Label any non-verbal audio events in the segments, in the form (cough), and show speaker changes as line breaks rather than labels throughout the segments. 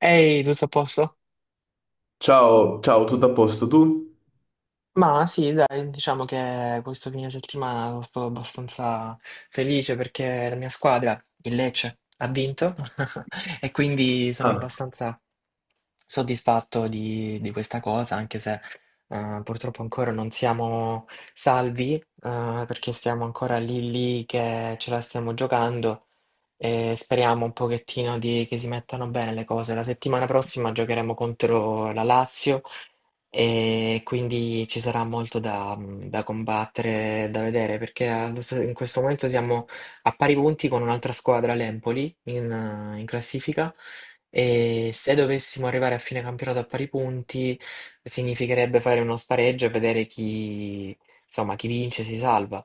Ehi, tutto a posto?
Ciao, ciao, tutto a posto tu?
Ma sì, dai, diciamo che questo fine settimana sono stato abbastanza felice perché la mia squadra, il Lecce, ha vinto (laughs) e quindi sono
Ah,
abbastanza soddisfatto di questa cosa, anche se purtroppo ancora non siamo salvi, perché stiamo ancora lì lì che ce la stiamo giocando. E speriamo un pochettino che si mettano bene le cose. La settimana prossima giocheremo contro la Lazio e quindi ci sarà molto da combattere, da vedere, perché in questo momento siamo a pari punti con un'altra squadra, l'Empoli, in classifica. E se dovessimo arrivare a fine campionato a pari punti, significherebbe fare uno spareggio e vedere chi, insomma, chi vince si salva.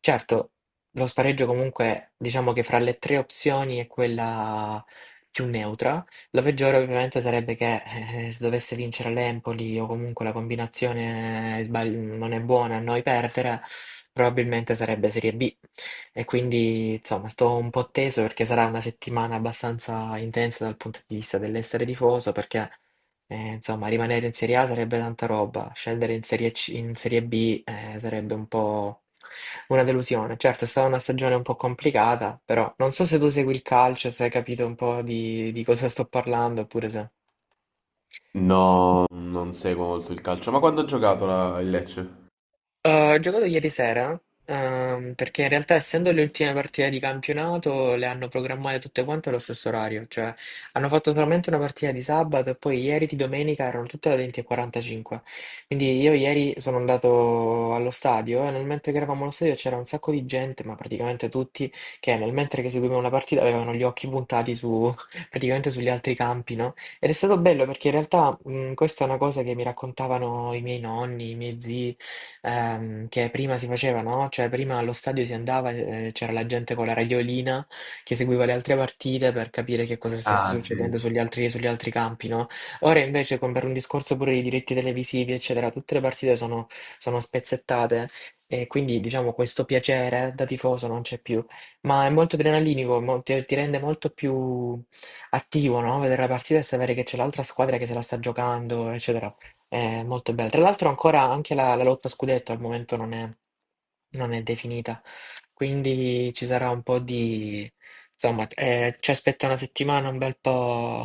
Certo, lo spareggio comunque, diciamo che fra le tre opzioni è quella più neutra. La peggiore ovviamente sarebbe che se dovesse vincere l'Empoli o comunque la combinazione non è buona a noi perdere, probabilmente sarebbe Serie B. E quindi, insomma, sto un po' teso perché sarà una settimana abbastanza intensa dal punto di vista dell'essere tifoso, perché insomma, rimanere in Serie A sarebbe tanta roba, scendere in Serie B, sarebbe un po' una delusione. Certo, è stata una stagione un po' complicata, però non so se tu segui il calcio, se hai capito un po' di cosa sto parlando, oppure se...
no, non seguo molto il calcio. Ma quando ha giocato il Lecce?
Ho giocato ieri sera, perché in realtà essendo le ultime partite di campionato le hanno programmate tutte quante allo stesso orario, cioè hanno fatto solamente una partita di sabato e poi ieri di domenica erano tutte alle 20:45. Quindi io ieri sono andato allo stadio e nel mentre che eravamo allo stadio c'era un sacco di gente, ma praticamente tutti, che nel mentre che seguivano la partita avevano gli occhi puntati su, (laughs) praticamente sugli altri campi, no? Ed è stato bello perché in realtà questa è una cosa che mi raccontavano i miei nonni, i miei zii, che prima si faceva, no? Cioè prima allo stadio si andava, c'era la gente con la radiolina che seguiva le altre partite per capire che cosa stesse
Ah, sì.
succedendo sugli altri campi, no? Ora invece con, per un discorso pure di diritti televisivi, eccetera, tutte le partite sono spezzettate e quindi diciamo questo piacere da tifoso non c'è più, ma è molto adrenalinico, ti rende molto più attivo, no? Vedere la partita e sapere che c'è l'altra squadra che se la sta giocando, eccetera. È molto bella. Tra l'altro ancora anche la lotta a scudetto al momento non è definita, quindi ci sarà un po' di... Insomma, ci aspetta una settimana un bel po'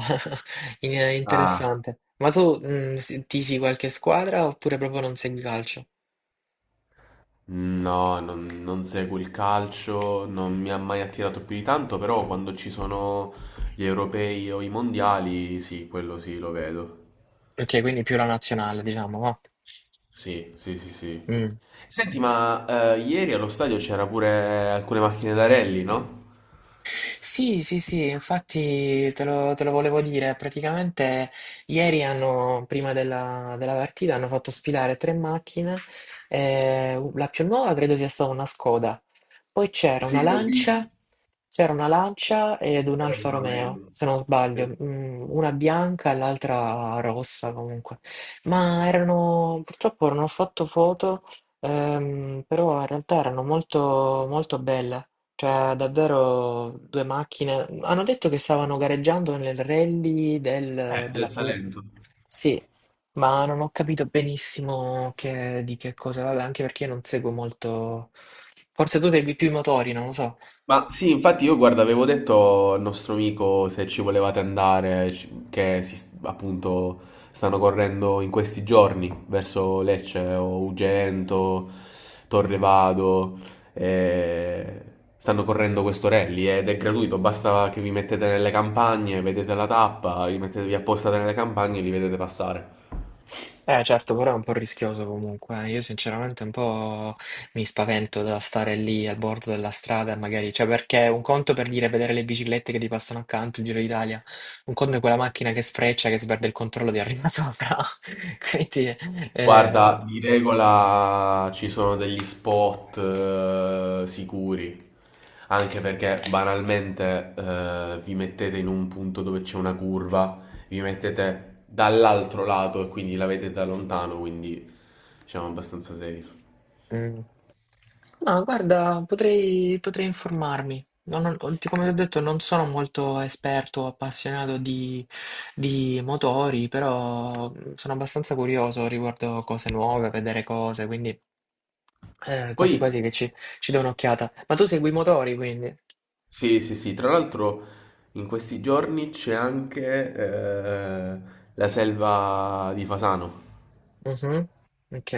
(laughs)
Ah,
interessante. Ma tu, tifi qualche squadra oppure proprio non segui calcio?
no, non seguo il calcio, non mi ha mai attirato più di tanto, però quando ci sono gli europei o i mondiali, sì, quello sì, lo vedo.
Ok, quindi più la nazionale, diciamo, va.
Sì, sì, sì, sì.
Mm.
Senti, ma ieri allo stadio c'era pure alcune macchine da rally, no?
Sì, sì, sì, infatti te lo volevo dire. Praticamente ieri hanno, prima della partita, hanno fatto sfilare tre macchine. Eh, la più nuova credo sia stata una Skoda. Poi
Sì, li ho visti,
C'era una Lancia ed un
era
Alfa
Alfa
Romeo,
Romeo.
se non
Sì.
sbaglio, mm, una bianca e l'altra rossa comunque. Ma erano, purtroppo non ho fatto foto, però in realtà erano molto, molto belle. Cioè, davvero due macchine. Hanno detto che stavano gareggiando nel rally della
Del
Pu.
Salento.
Sì, ma non ho capito benissimo di che cosa. Vabbè, anche perché io non seguo molto. Forse tu segui più i motori, non lo so.
Ma sì, infatti io guarda, avevo detto al nostro amico se ci volevate andare, appunto stanno correndo in questi giorni verso Lecce o Ugento, Torrevado, eh, stanno correndo quest'Orelli ed è gratuito, basta che vi mettete nelle campagne, vedete la tappa, vi mettetevi apposta nelle campagne e li vedete passare.
Eh certo, però è un po' rischioso comunque. Io sinceramente un po' mi spavento da stare lì al bordo della strada, magari, cioè perché un conto per dire vedere le biciclette che ti passano accanto, il Giro d'Italia, un conto è quella macchina che sfreccia, che si perde il controllo di arriva sopra. (laughs) Quindi, eh,
Guarda, di regola ci sono degli spot sicuri, anche perché banalmente vi mettete in un punto dove c'è una curva, vi mettete dall'altro lato e quindi la vedete da lontano, quindi siamo abbastanza safe.
mm. Ma guarda, potrei, potrei informarmi. Come ti ho detto, non sono molto esperto o appassionato di motori, però sono abbastanza curioso riguardo cose nuove, vedere cose, quindi
Poi,
quasi quasi che ci do un'occhiata. Ma tu segui i motori, quindi?
sì, sì, sì, tra l'altro in questi giorni c'è anche la selva di Fasano,
Mhm. Ok.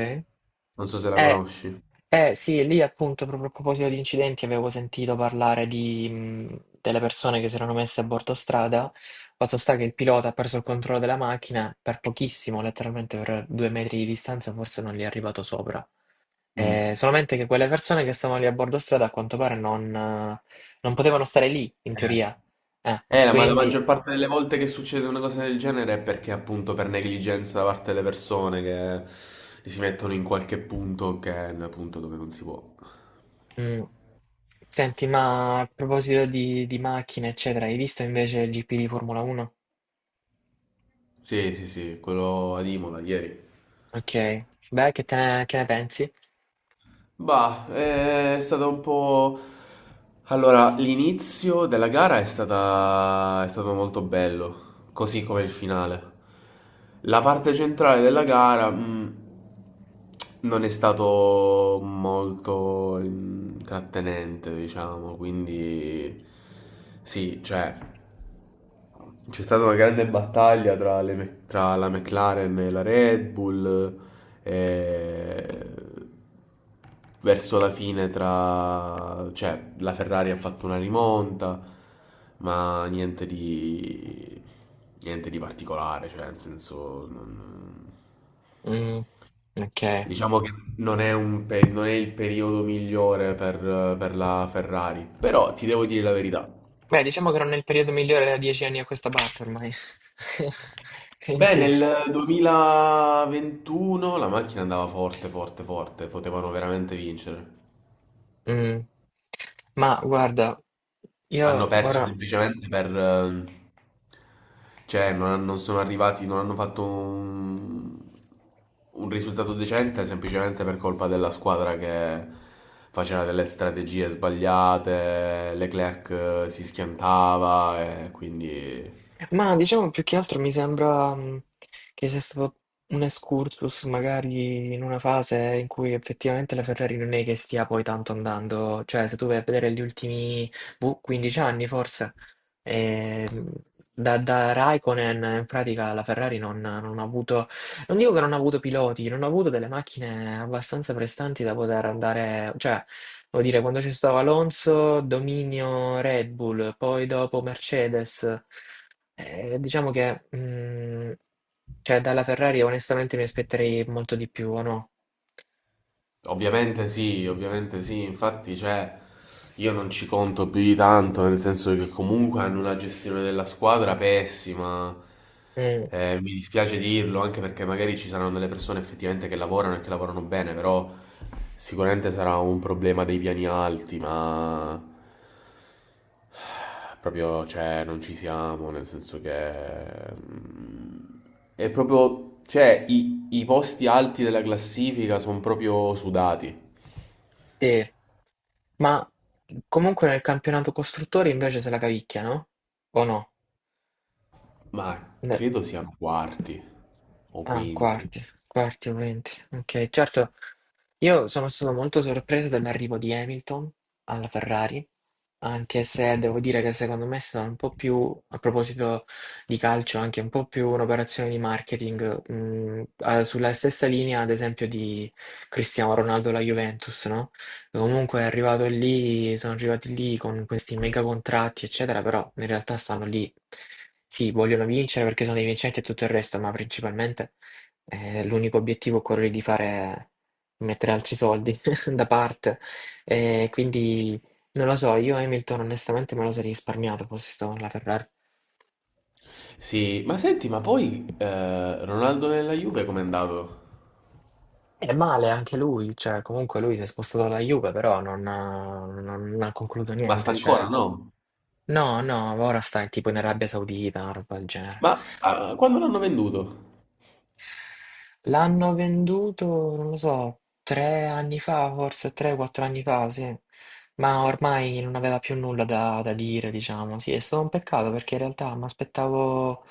non so se la
Eh,
conosci.
eh, sì, lì appunto proprio a proposito di incidenti avevo sentito parlare di, delle persone che si erano messe a bordo strada. Fatto sta che il pilota ha perso il controllo della macchina per pochissimo, letteralmente per due metri di distanza, forse non gli è arrivato sopra.
Mm.
Solamente che quelle persone che stavano lì a bordo strada a quanto pare non potevano stare lì, in teoria.
Ma la
Quindi,
maggior parte delle volte che succede una cosa del genere è perché appunto per negligenza da parte delle persone che si mettono in qualche punto che è un punto dove non si può.
mh, senti, ma a proposito di macchine, eccetera, hai visto invece il GP di Formula 1?
Sì, sì, sì, quello ad Imola ieri.
Ok, beh, che ne pensi?
Bah, è stato un po'. Allora, l'inizio della gara è stata, è stato molto bello, così come il finale. La parte centrale della gara, mm, non è stato molto intrattenente, diciamo, quindi. Sì, cioè. C'è stata una grande battaglia tra, tra la McLaren e la Red Bull, eh, verso la fine tra, cioè, la Ferrari ha fatto una rimonta, ma niente di, niente di particolare, cioè, nel senso, non.
Mm, ok.
Diciamo che non è il periodo migliore per la Ferrari, però ti devo dire la verità.
Beh, diciamo che non è il periodo migliore da dieci anni a questa parte ormai. (laughs)
Beh,
Quindi,
nel 2021 la macchina andava forte, forte, forte, potevano veramente vincere.
mm. Ma guarda,
Hanno
io
perso
ora...
semplicemente per cioè, non sono arrivati, non hanno fatto un risultato decente semplicemente per colpa della squadra che faceva delle strategie sbagliate, Leclerc si schiantava e quindi.
Ma diciamo più che altro mi sembra, che sia stato un excursus magari in una fase in cui effettivamente la Ferrari non è che stia poi tanto andando, cioè se tu vai a vedere gli ultimi, boh, 15 anni forse, ehm, da Raikkonen in pratica la Ferrari non ha avuto, non dico che non ha avuto piloti, non ha avuto delle macchine abbastanza prestanti da poter andare, cioè... Vuol dire, quando c'è stato Alonso, dominio Red Bull, poi dopo Mercedes. Diciamo che, cioè, dalla Ferrari onestamente mi aspetterei molto di più, o no?
Ovviamente sì, infatti cioè, io non ci conto più di tanto, nel senso che comunque hanno una gestione della squadra pessima.
Mm,
Mi dispiace dirlo anche perché magari ci saranno delle persone effettivamente che lavorano e che lavorano bene, però sicuramente sarà un problema dei piani alti, ma proprio cioè, non ci siamo, nel senso che mm, è proprio, cioè i posti alti della classifica sono proprio sudati.
sì. Ma comunque nel campionato costruttori invece se la cavicchia, no? O no?
Ma
Ne-
credo siano quarti o
Ah,
quinti.
quarti, quarti o venti. Ok, certo. Io sono stato molto sorpreso dall'arrivo di Hamilton alla Ferrari, anche se devo dire che secondo me è stata un po' più, a proposito di calcio, anche un po' più un'operazione di marketing, sulla stessa linea, ad esempio, di Cristiano Ronaldo alla Juventus, no? Comunque è arrivato lì, sono arrivati lì con questi mega contratti, eccetera, però in realtà stanno lì, sì, vogliono vincere perché sono dei vincenti e tutto il resto, ma principalmente, l'unico obiettivo è quello di fare... Mettere altri soldi (laughs) da parte. Quindi non lo so, io Hamilton onestamente me lo sarei risparmiato fossi stato nella Ferrari.
Sì, ma senti, ma poi Ronaldo nella Juve com'è andato?
È male anche lui, cioè comunque lui si è spostato alla Juve, però non ha concluso
Ma sta
niente,
ancora,
cioè...
no?
No, no, ora sta tipo in Arabia Saudita, una roba del genere.
Ma ah, quando l'hanno venduto?
L'hanno venduto, non lo so, tre anni fa, forse tre, quattro anni fa, sì. Ma ormai non aveva più nulla da dire, diciamo. Sì, è stato un peccato perché in realtà mi aspettavo,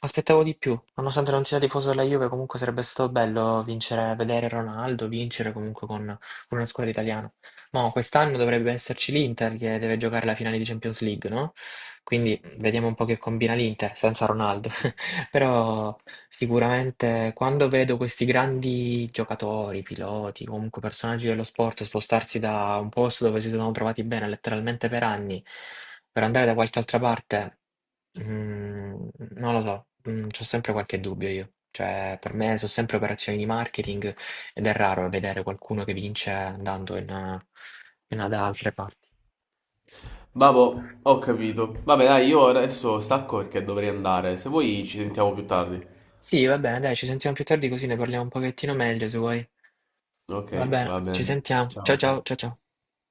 m'aspettavo di più. Nonostante non sia tifoso della Juve, comunque sarebbe stato bello vincere, vedere Ronaldo vincere comunque con una squadra italiana. Ma quest'anno dovrebbe esserci l'Inter che deve giocare la finale di Champions League, no? Quindi vediamo un po' che combina l'Inter senza Ronaldo. Però sicuramente quando vedo questi grandi giocatori, piloti, comunque personaggi dello sport spostarsi da un posto dove si sono trovati bene letteralmente per anni per andare da qualche altra parte, mm, non lo so, c'ho sempre qualche dubbio io. Cioè, per me sono sempre operazioni di marketing ed è raro vedere qualcuno che vince andando da altre parti.
Vabbè, ho capito. Vabbè, dai, io adesso stacco perché dovrei andare. Se vuoi ci sentiamo più tardi.
Sì, va bene, dai, ci sentiamo più tardi così ne parliamo un pochettino meglio se vuoi.
Ok,
Va bene,
va
ci
bene.
sentiamo.
Ciao,
Ciao ciao
ciao.
ciao ciao.